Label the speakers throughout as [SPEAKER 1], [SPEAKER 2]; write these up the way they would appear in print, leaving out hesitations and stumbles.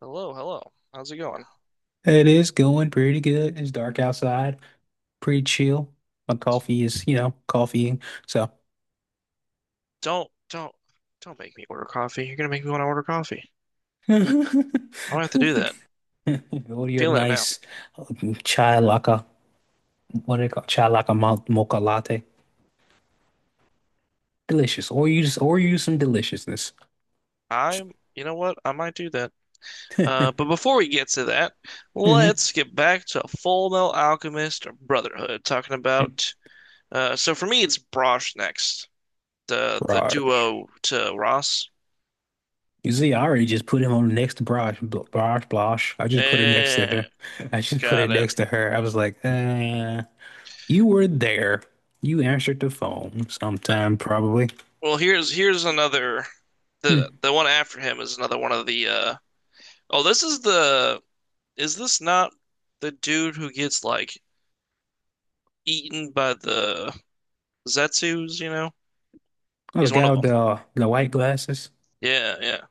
[SPEAKER 1] Hello, hello. How's it going?
[SPEAKER 2] Hey, it is going pretty good. It's dark outside, pretty chill. My coffee is, you know, coffeeing. So,
[SPEAKER 1] Don't, don't, don't make me order coffee. You're gonna make me want to order coffee.
[SPEAKER 2] order
[SPEAKER 1] I might have to do that.
[SPEAKER 2] your
[SPEAKER 1] Feeling it now.
[SPEAKER 2] nice chai laka. What do they call chai laka mocha latte? Delicious. Or you just or use some deliciousness.
[SPEAKER 1] I'm, you know what? I might do that. But before we get to that,
[SPEAKER 2] Hmm.
[SPEAKER 1] let's get back to Full Metal Alchemist Brotherhood, talking about. So for me, it's Brosh next, the
[SPEAKER 2] Braj.
[SPEAKER 1] duo to Ross.
[SPEAKER 2] You see, I already just put him on next to Braj. Braj, Blosh. I just put it next to
[SPEAKER 1] Eh,
[SPEAKER 2] her. I just put
[SPEAKER 1] got
[SPEAKER 2] it
[SPEAKER 1] it.
[SPEAKER 2] next to her. I was like, you were there. You answered the phone
[SPEAKER 1] Uh,
[SPEAKER 2] sometime, probably.
[SPEAKER 1] well, here's another.
[SPEAKER 2] Hmm.
[SPEAKER 1] The one after him is another one of the. Oh, this is the. Is this not the dude who gets like eaten by the Zetsus, you know?
[SPEAKER 2] Oh, the
[SPEAKER 1] He's one
[SPEAKER 2] guy
[SPEAKER 1] of them.
[SPEAKER 2] with the white glasses.
[SPEAKER 1] Yeah, yeah.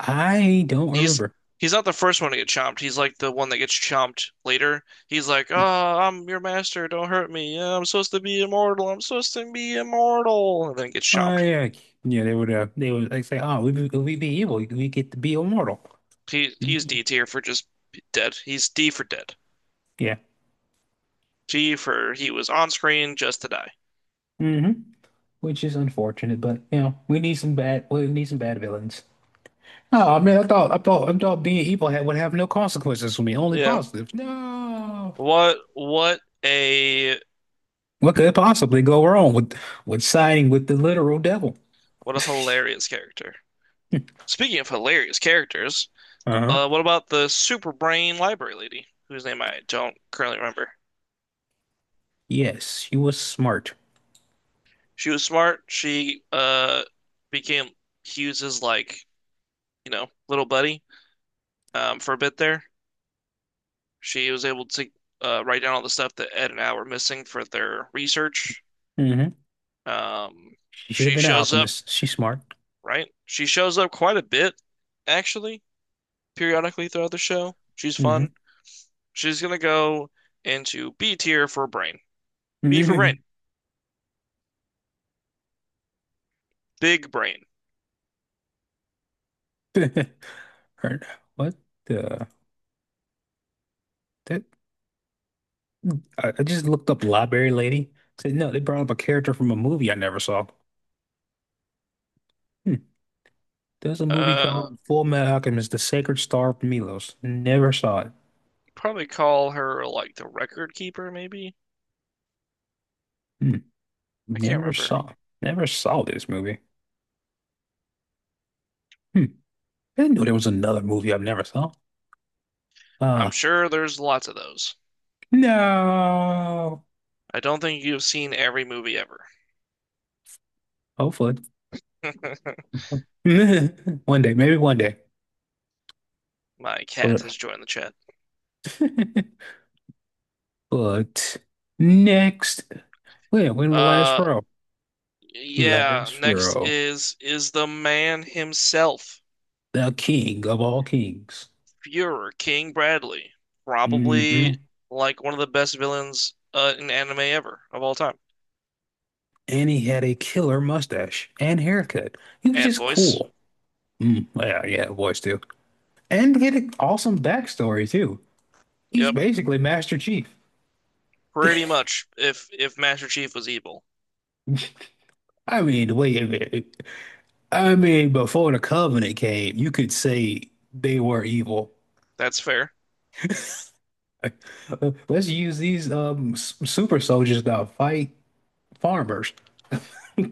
[SPEAKER 2] I don't
[SPEAKER 1] He's
[SPEAKER 2] remember.
[SPEAKER 1] he's not the first one to get chomped. He's like the one that gets chomped later. He's like, "Oh, I'm your master. Don't hurt me. Yeah, I'm supposed to be immortal. I'm supposed to be immortal." And then gets
[SPEAKER 2] Oh
[SPEAKER 1] chomped.
[SPEAKER 2] yeah, yeah. They would like say, "Oh, we we be evil. We get to be immortal."
[SPEAKER 1] He's D
[SPEAKER 2] Ye-
[SPEAKER 1] tier for just dead. He's D for dead.
[SPEAKER 2] Yeah.
[SPEAKER 1] G for he was on screen just to die.
[SPEAKER 2] Mm-hmm. Which is unfortunate, but we need some bad. We need some bad villains. Oh, I mean, I thought I thought being evil had, would have no consequences for me, only
[SPEAKER 1] Yeah.
[SPEAKER 2] positives. No.
[SPEAKER 1] What what a
[SPEAKER 2] What could possibly go wrong with siding with the literal devil?
[SPEAKER 1] what a hilarious character. Speaking of hilarious characters,
[SPEAKER 2] Uh-huh.
[SPEAKER 1] what about the super brain library lady, whose name I don't currently remember?
[SPEAKER 2] Yes, you was smart.
[SPEAKER 1] She was smart. She became Hughes's like, you know, little buddy, for a bit there. She was able to write down all the stuff that Ed and Al were missing for their research.
[SPEAKER 2] Mm-hmm.
[SPEAKER 1] Um,
[SPEAKER 2] She should have
[SPEAKER 1] she
[SPEAKER 2] been an
[SPEAKER 1] shows up,
[SPEAKER 2] alchemist. She's smart.
[SPEAKER 1] right? She shows up quite a bit, actually, periodically throughout the show. She's fun.
[SPEAKER 2] Hmm.
[SPEAKER 1] She's gonna go into B tier for brain. B for brain.
[SPEAKER 2] Hmm.
[SPEAKER 1] Big brain.
[SPEAKER 2] Her, what the that I just looked up Library Lady. Said no, they brought up a character from a movie I never saw. Hmm. There's a movie
[SPEAKER 1] Uh,
[SPEAKER 2] called Full Metal Alchemist: The Sacred Star of Milos. Never saw it.
[SPEAKER 1] Probably call her like the record keeper, maybe?
[SPEAKER 2] Hmm.
[SPEAKER 1] I can't
[SPEAKER 2] Never
[SPEAKER 1] remember.
[SPEAKER 2] saw. Never saw this movie. Hmm. I didn't know there was another movie I've never saw.
[SPEAKER 1] I'm
[SPEAKER 2] Uh
[SPEAKER 1] sure there's lots of those.
[SPEAKER 2] no.
[SPEAKER 1] I don't think you've seen every movie ever.
[SPEAKER 2] Hopefully. One day, maybe one day.
[SPEAKER 1] My cat
[SPEAKER 2] Hold
[SPEAKER 1] has
[SPEAKER 2] up.
[SPEAKER 1] joined the chat.
[SPEAKER 2] But next, wait, we're in the last
[SPEAKER 1] Uh,
[SPEAKER 2] row.
[SPEAKER 1] yeah,
[SPEAKER 2] Last
[SPEAKER 1] next
[SPEAKER 2] row.
[SPEAKER 1] is the man himself,
[SPEAKER 2] The king of all kings.
[SPEAKER 1] Fuhrer King Bradley. Probably
[SPEAKER 2] Hmm.
[SPEAKER 1] like one of the best villains in anime ever of all time.
[SPEAKER 2] And he had a killer mustache and haircut. He was
[SPEAKER 1] And
[SPEAKER 2] just
[SPEAKER 1] voice,
[SPEAKER 2] cool. Mm, yeah, yeah, voice too. And he had an awesome backstory too. He's
[SPEAKER 1] yep,
[SPEAKER 2] basically Master Chief.
[SPEAKER 1] pretty much if Master Chief was evil.
[SPEAKER 2] I mean, the way it, I mean, before the Covenant came, you could say they were evil.
[SPEAKER 1] That's fair.
[SPEAKER 2] Let's use these super soldiers to fight farmers.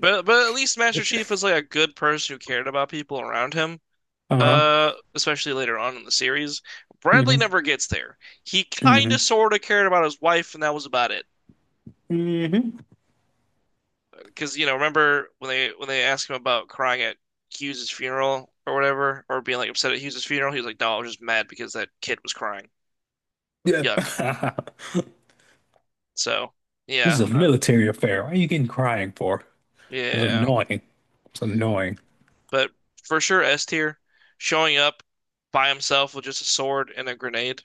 [SPEAKER 1] But at least Master Chief was like a good person who cared about people around him.
[SPEAKER 2] Uh-huh.
[SPEAKER 1] Especially later on in the series, Bradley
[SPEAKER 2] Mm-hmm.
[SPEAKER 1] never gets there. He kind
[SPEAKER 2] Mm-hmm.
[SPEAKER 1] of sort of cared about his wife, and that was about it.
[SPEAKER 2] Mm-hmm.
[SPEAKER 1] Because, you know, remember when they asked him about crying at Hughes's funeral or whatever, or being like upset at Hughes's funeral, he was like, "No, I was just mad because that kid was crying."
[SPEAKER 2] Yeah.
[SPEAKER 1] Yuck. So
[SPEAKER 2] This is a
[SPEAKER 1] yeah,
[SPEAKER 2] military affair. Why are you getting crying for? It was
[SPEAKER 1] yeah.
[SPEAKER 2] annoying. It's annoying.
[SPEAKER 1] But for sure, S tier, showing up by himself with just a sword and a grenade.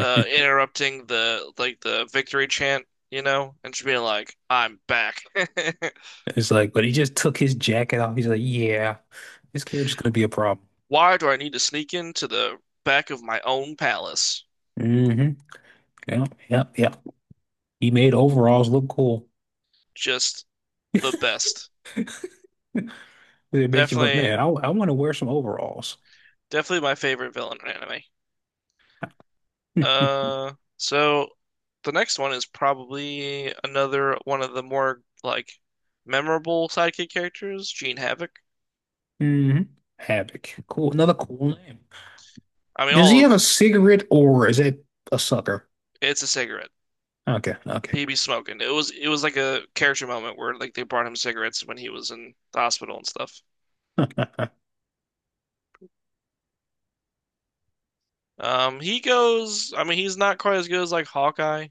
[SPEAKER 1] Uh, interrupting the like the victory chant, you know, and just being like, "I'm back."
[SPEAKER 2] It's like, but he just took his jacket off. He's like, yeah, this carriage is gonna be a problem.
[SPEAKER 1] Why do I need to sneak into the back of my own palace?
[SPEAKER 2] Mm-hmm. Yeah, yeah, yeah. He made overalls look cool.
[SPEAKER 1] Just the best.
[SPEAKER 2] It makes you, but
[SPEAKER 1] Definitely,
[SPEAKER 2] man, I want to wear some overalls.
[SPEAKER 1] definitely my favorite villain in anime. So the next one is probably another one of the more like memorable sidekick characters, Gene Havoc.
[SPEAKER 2] Hmm. Havoc. Cool. Another cool name.
[SPEAKER 1] I mean,
[SPEAKER 2] Does
[SPEAKER 1] all
[SPEAKER 2] he have
[SPEAKER 1] of.
[SPEAKER 2] a cigarette or is it a sucker?
[SPEAKER 1] It's a cigarette.
[SPEAKER 2] Okay, okay.
[SPEAKER 1] He'd be smoking. It was like a character moment where like they brought him cigarettes when he was in the hospital and stuff. He goes. I mean, he's not quite as good as like Hawkeye,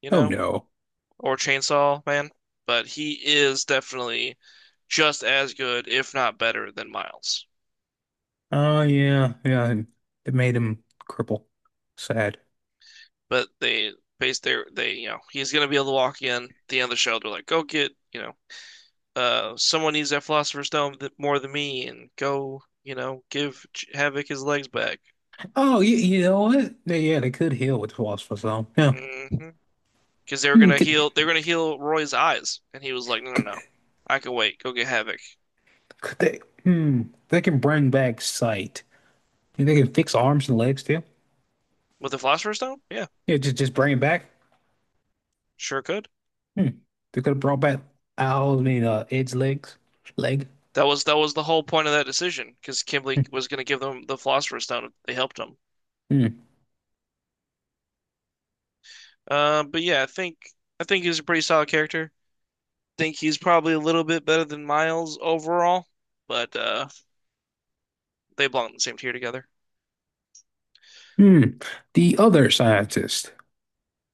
[SPEAKER 1] you
[SPEAKER 2] Oh
[SPEAKER 1] know,
[SPEAKER 2] no.
[SPEAKER 1] or Chainsaw Man, but he is definitely just as good, if not better, than Miles.
[SPEAKER 2] Oh yeah, yeah. And it made him cripple. Sad.
[SPEAKER 1] But they base their they you know he's gonna be able to walk in at the end of the show. They're like, go get, you know, someone needs that Philosopher's Stone th more than me, and go, you know, give Ch- Havoc his legs back.
[SPEAKER 2] Oh, you know what? They, yeah, they could heal with philosopher's stone. Yeah.
[SPEAKER 1] Hmm, because they were
[SPEAKER 2] Hmm,
[SPEAKER 1] gonna heal they were gonna heal Roy's eyes, and he was like, "No, no,
[SPEAKER 2] could,
[SPEAKER 1] no, I can wait. Go get Havoc
[SPEAKER 2] could they? Hmm. They can bring back sight. You think they can fix arms and legs too.
[SPEAKER 1] with the Philosopher's Stone." Yeah,
[SPEAKER 2] Yeah, just bring it back.
[SPEAKER 1] sure could.
[SPEAKER 2] Hmm. They could have brought back Al, I mean, Ed's legs, leg.
[SPEAKER 1] That was the whole point of that decision because Kimberly was gonna give them the Philosopher's Stone if they helped him.
[SPEAKER 2] Hmm.
[SPEAKER 1] But yeah, I think he's a pretty solid character. I think he's probably a little bit better than Miles overall, but they belong in the same tier together.
[SPEAKER 2] Hmm. The other scientist.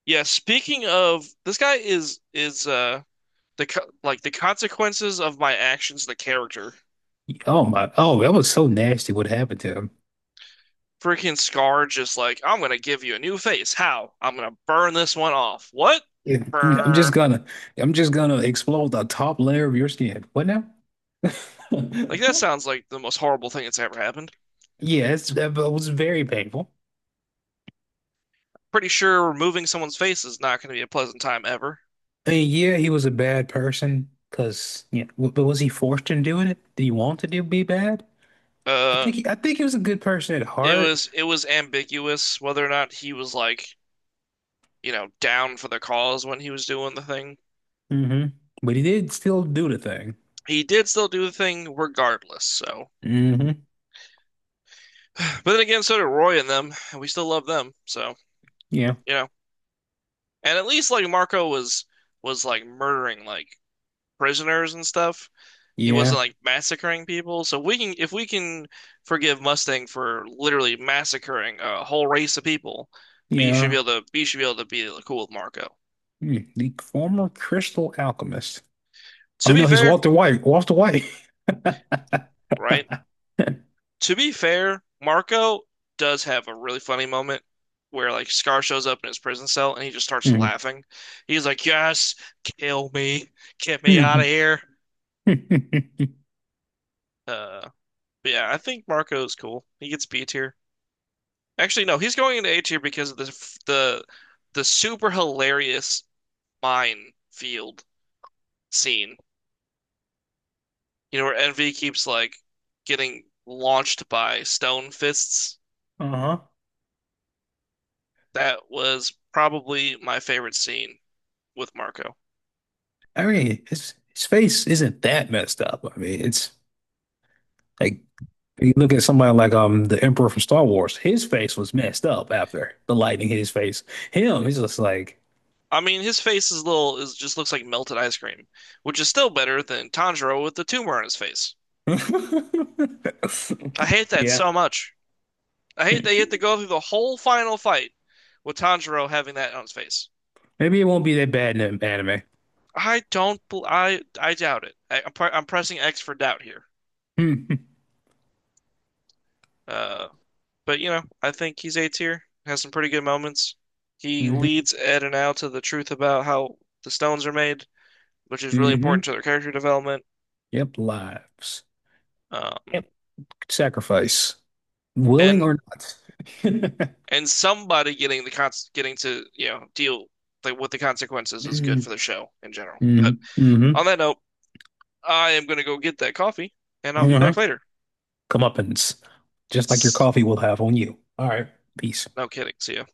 [SPEAKER 1] Yeah, speaking of, this guy is the, like, the consequences of my actions, the character.
[SPEAKER 2] Oh my. Oh, that was so nasty. What happened to him?
[SPEAKER 1] Freaking Scar just like, I'm gonna give you a new face. How? I'm gonna burn this one off. What?
[SPEAKER 2] Yeah, I'm just
[SPEAKER 1] Burn.
[SPEAKER 2] gonna, I'm just gonna explode the top layer of your skin. What now?
[SPEAKER 1] Like, that sounds like the most horrible thing that's ever happened.
[SPEAKER 2] Yeah, it's, that was very painful.
[SPEAKER 1] Pretty sure removing someone's face is not gonna be a pleasant time ever.
[SPEAKER 2] I mean, yeah, he was a bad person, cause yeah, but was he forced into doing it? Did he want to do be bad?
[SPEAKER 1] Uh,
[SPEAKER 2] I think he was a good person at
[SPEAKER 1] it
[SPEAKER 2] heart.
[SPEAKER 1] was it was ambiguous whether or not he was like, you know, down for the cause when he was doing the thing.
[SPEAKER 2] Hmm. But he did still do the thing.
[SPEAKER 1] He did still do the thing regardless, so.
[SPEAKER 2] Hmm.
[SPEAKER 1] But then again, so did Roy and them, and we still love them, so,
[SPEAKER 2] Yeah,
[SPEAKER 1] you know. And at least like Marco was like murdering like prisoners and stuff. He
[SPEAKER 2] yeah,
[SPEAKER 1] wasn't like massacring people. So we can, if we can forgive Mustang for literally massacring a whole race of people,
[SPEAKER 2] yeah.
[SPEAKER 1] we should be able to be cool with Marco.
[SPEAKER 2] Hmm, the former crystal alchemist.
[SPEAKER 1] To
[SPEAKER 2] Oh
[SPEAKER 1] be
[SPEAKER 2] no, he's
[SPEAKER 1] fair,
[SPEAKER 2] Walter White. Walter White.
[SPEAKER 1] right? To be fair, Marco does have a really funny moment where like Scar shows up in his prison cell and he just starts laughing. He's like, "Yes, kill me, get me out of
[SPEAKER 2] Mhm.
[SPEAKER 1] here." Uh, but yeah, I think Marco's cool. He gets B tier. Actually, no, he's going into A tier because of the f- the super hilarious minefield scene. You know, where Envy keeps like getting launched by stone fists.
[SPEAKER 2] Uh-huh.
[SPEAKER 1] That was probably my favorite scene with Marco.
[SPEAKER 2] I mean, his face isn't that messed up. I mean, it's like you look at somebody like the Emperor from Star Wars. His face was messed up after the lightning hit his face. Him, he's just like,
[SPEAKER 1] I mean, his face is little is just looks like melted ice cream, which is still better than Tanjiro with the tumor on his face. I hate that
[SPEAKER 2] yeah.
[SPEAKER 1] so much. I hate that you have to go through the whole final fight with Tanjiro having that on his face.
[SPEAKER 2] Maybe it won't be that bad in the anime.
[SPEAKER 1] I don't. Bel- I doubt it. Pre- I'm pressing X for doubt here. Uh, but you know, I think he's A tier. Has some pretty good moments. He
[SPEAKER 2] Mm-hmm.
[SPEAKER 1] leads Ed and Al to the truth about how the stones are made, which is really
[SPEAKER 2] Hmm.
[SPEAKER 1] important to their character development.
[SPEAKER 2] Yep, lives.
[SPEAKER 1] Um,
[SPEAKER 2] Yep, sacrifice, willing
[SPEAKER 1] and
[SPEAKER 2] or not.
[SPEAKER 1] somebody getting the con getting to, you know, deal like with the consequences is good for
[SPEAKER 2] Mm-hmm.
[SPEAKER 1] the show in general. But
[SPEAKER 2] Mm-hmm.
[SPEAKER 1] on that note, I am gonna go get that coffee, and I'll be
[SPEAKER 2] Uh-huh.
[SPEAKER 1] back later.
[SPEAKER 2] Comeuppance, just like your
[SPEAKER 1] S-
[SPEAKER 2] coffee will have on you. All right, peace.
[SPEAKER 1] No kidding. See ya.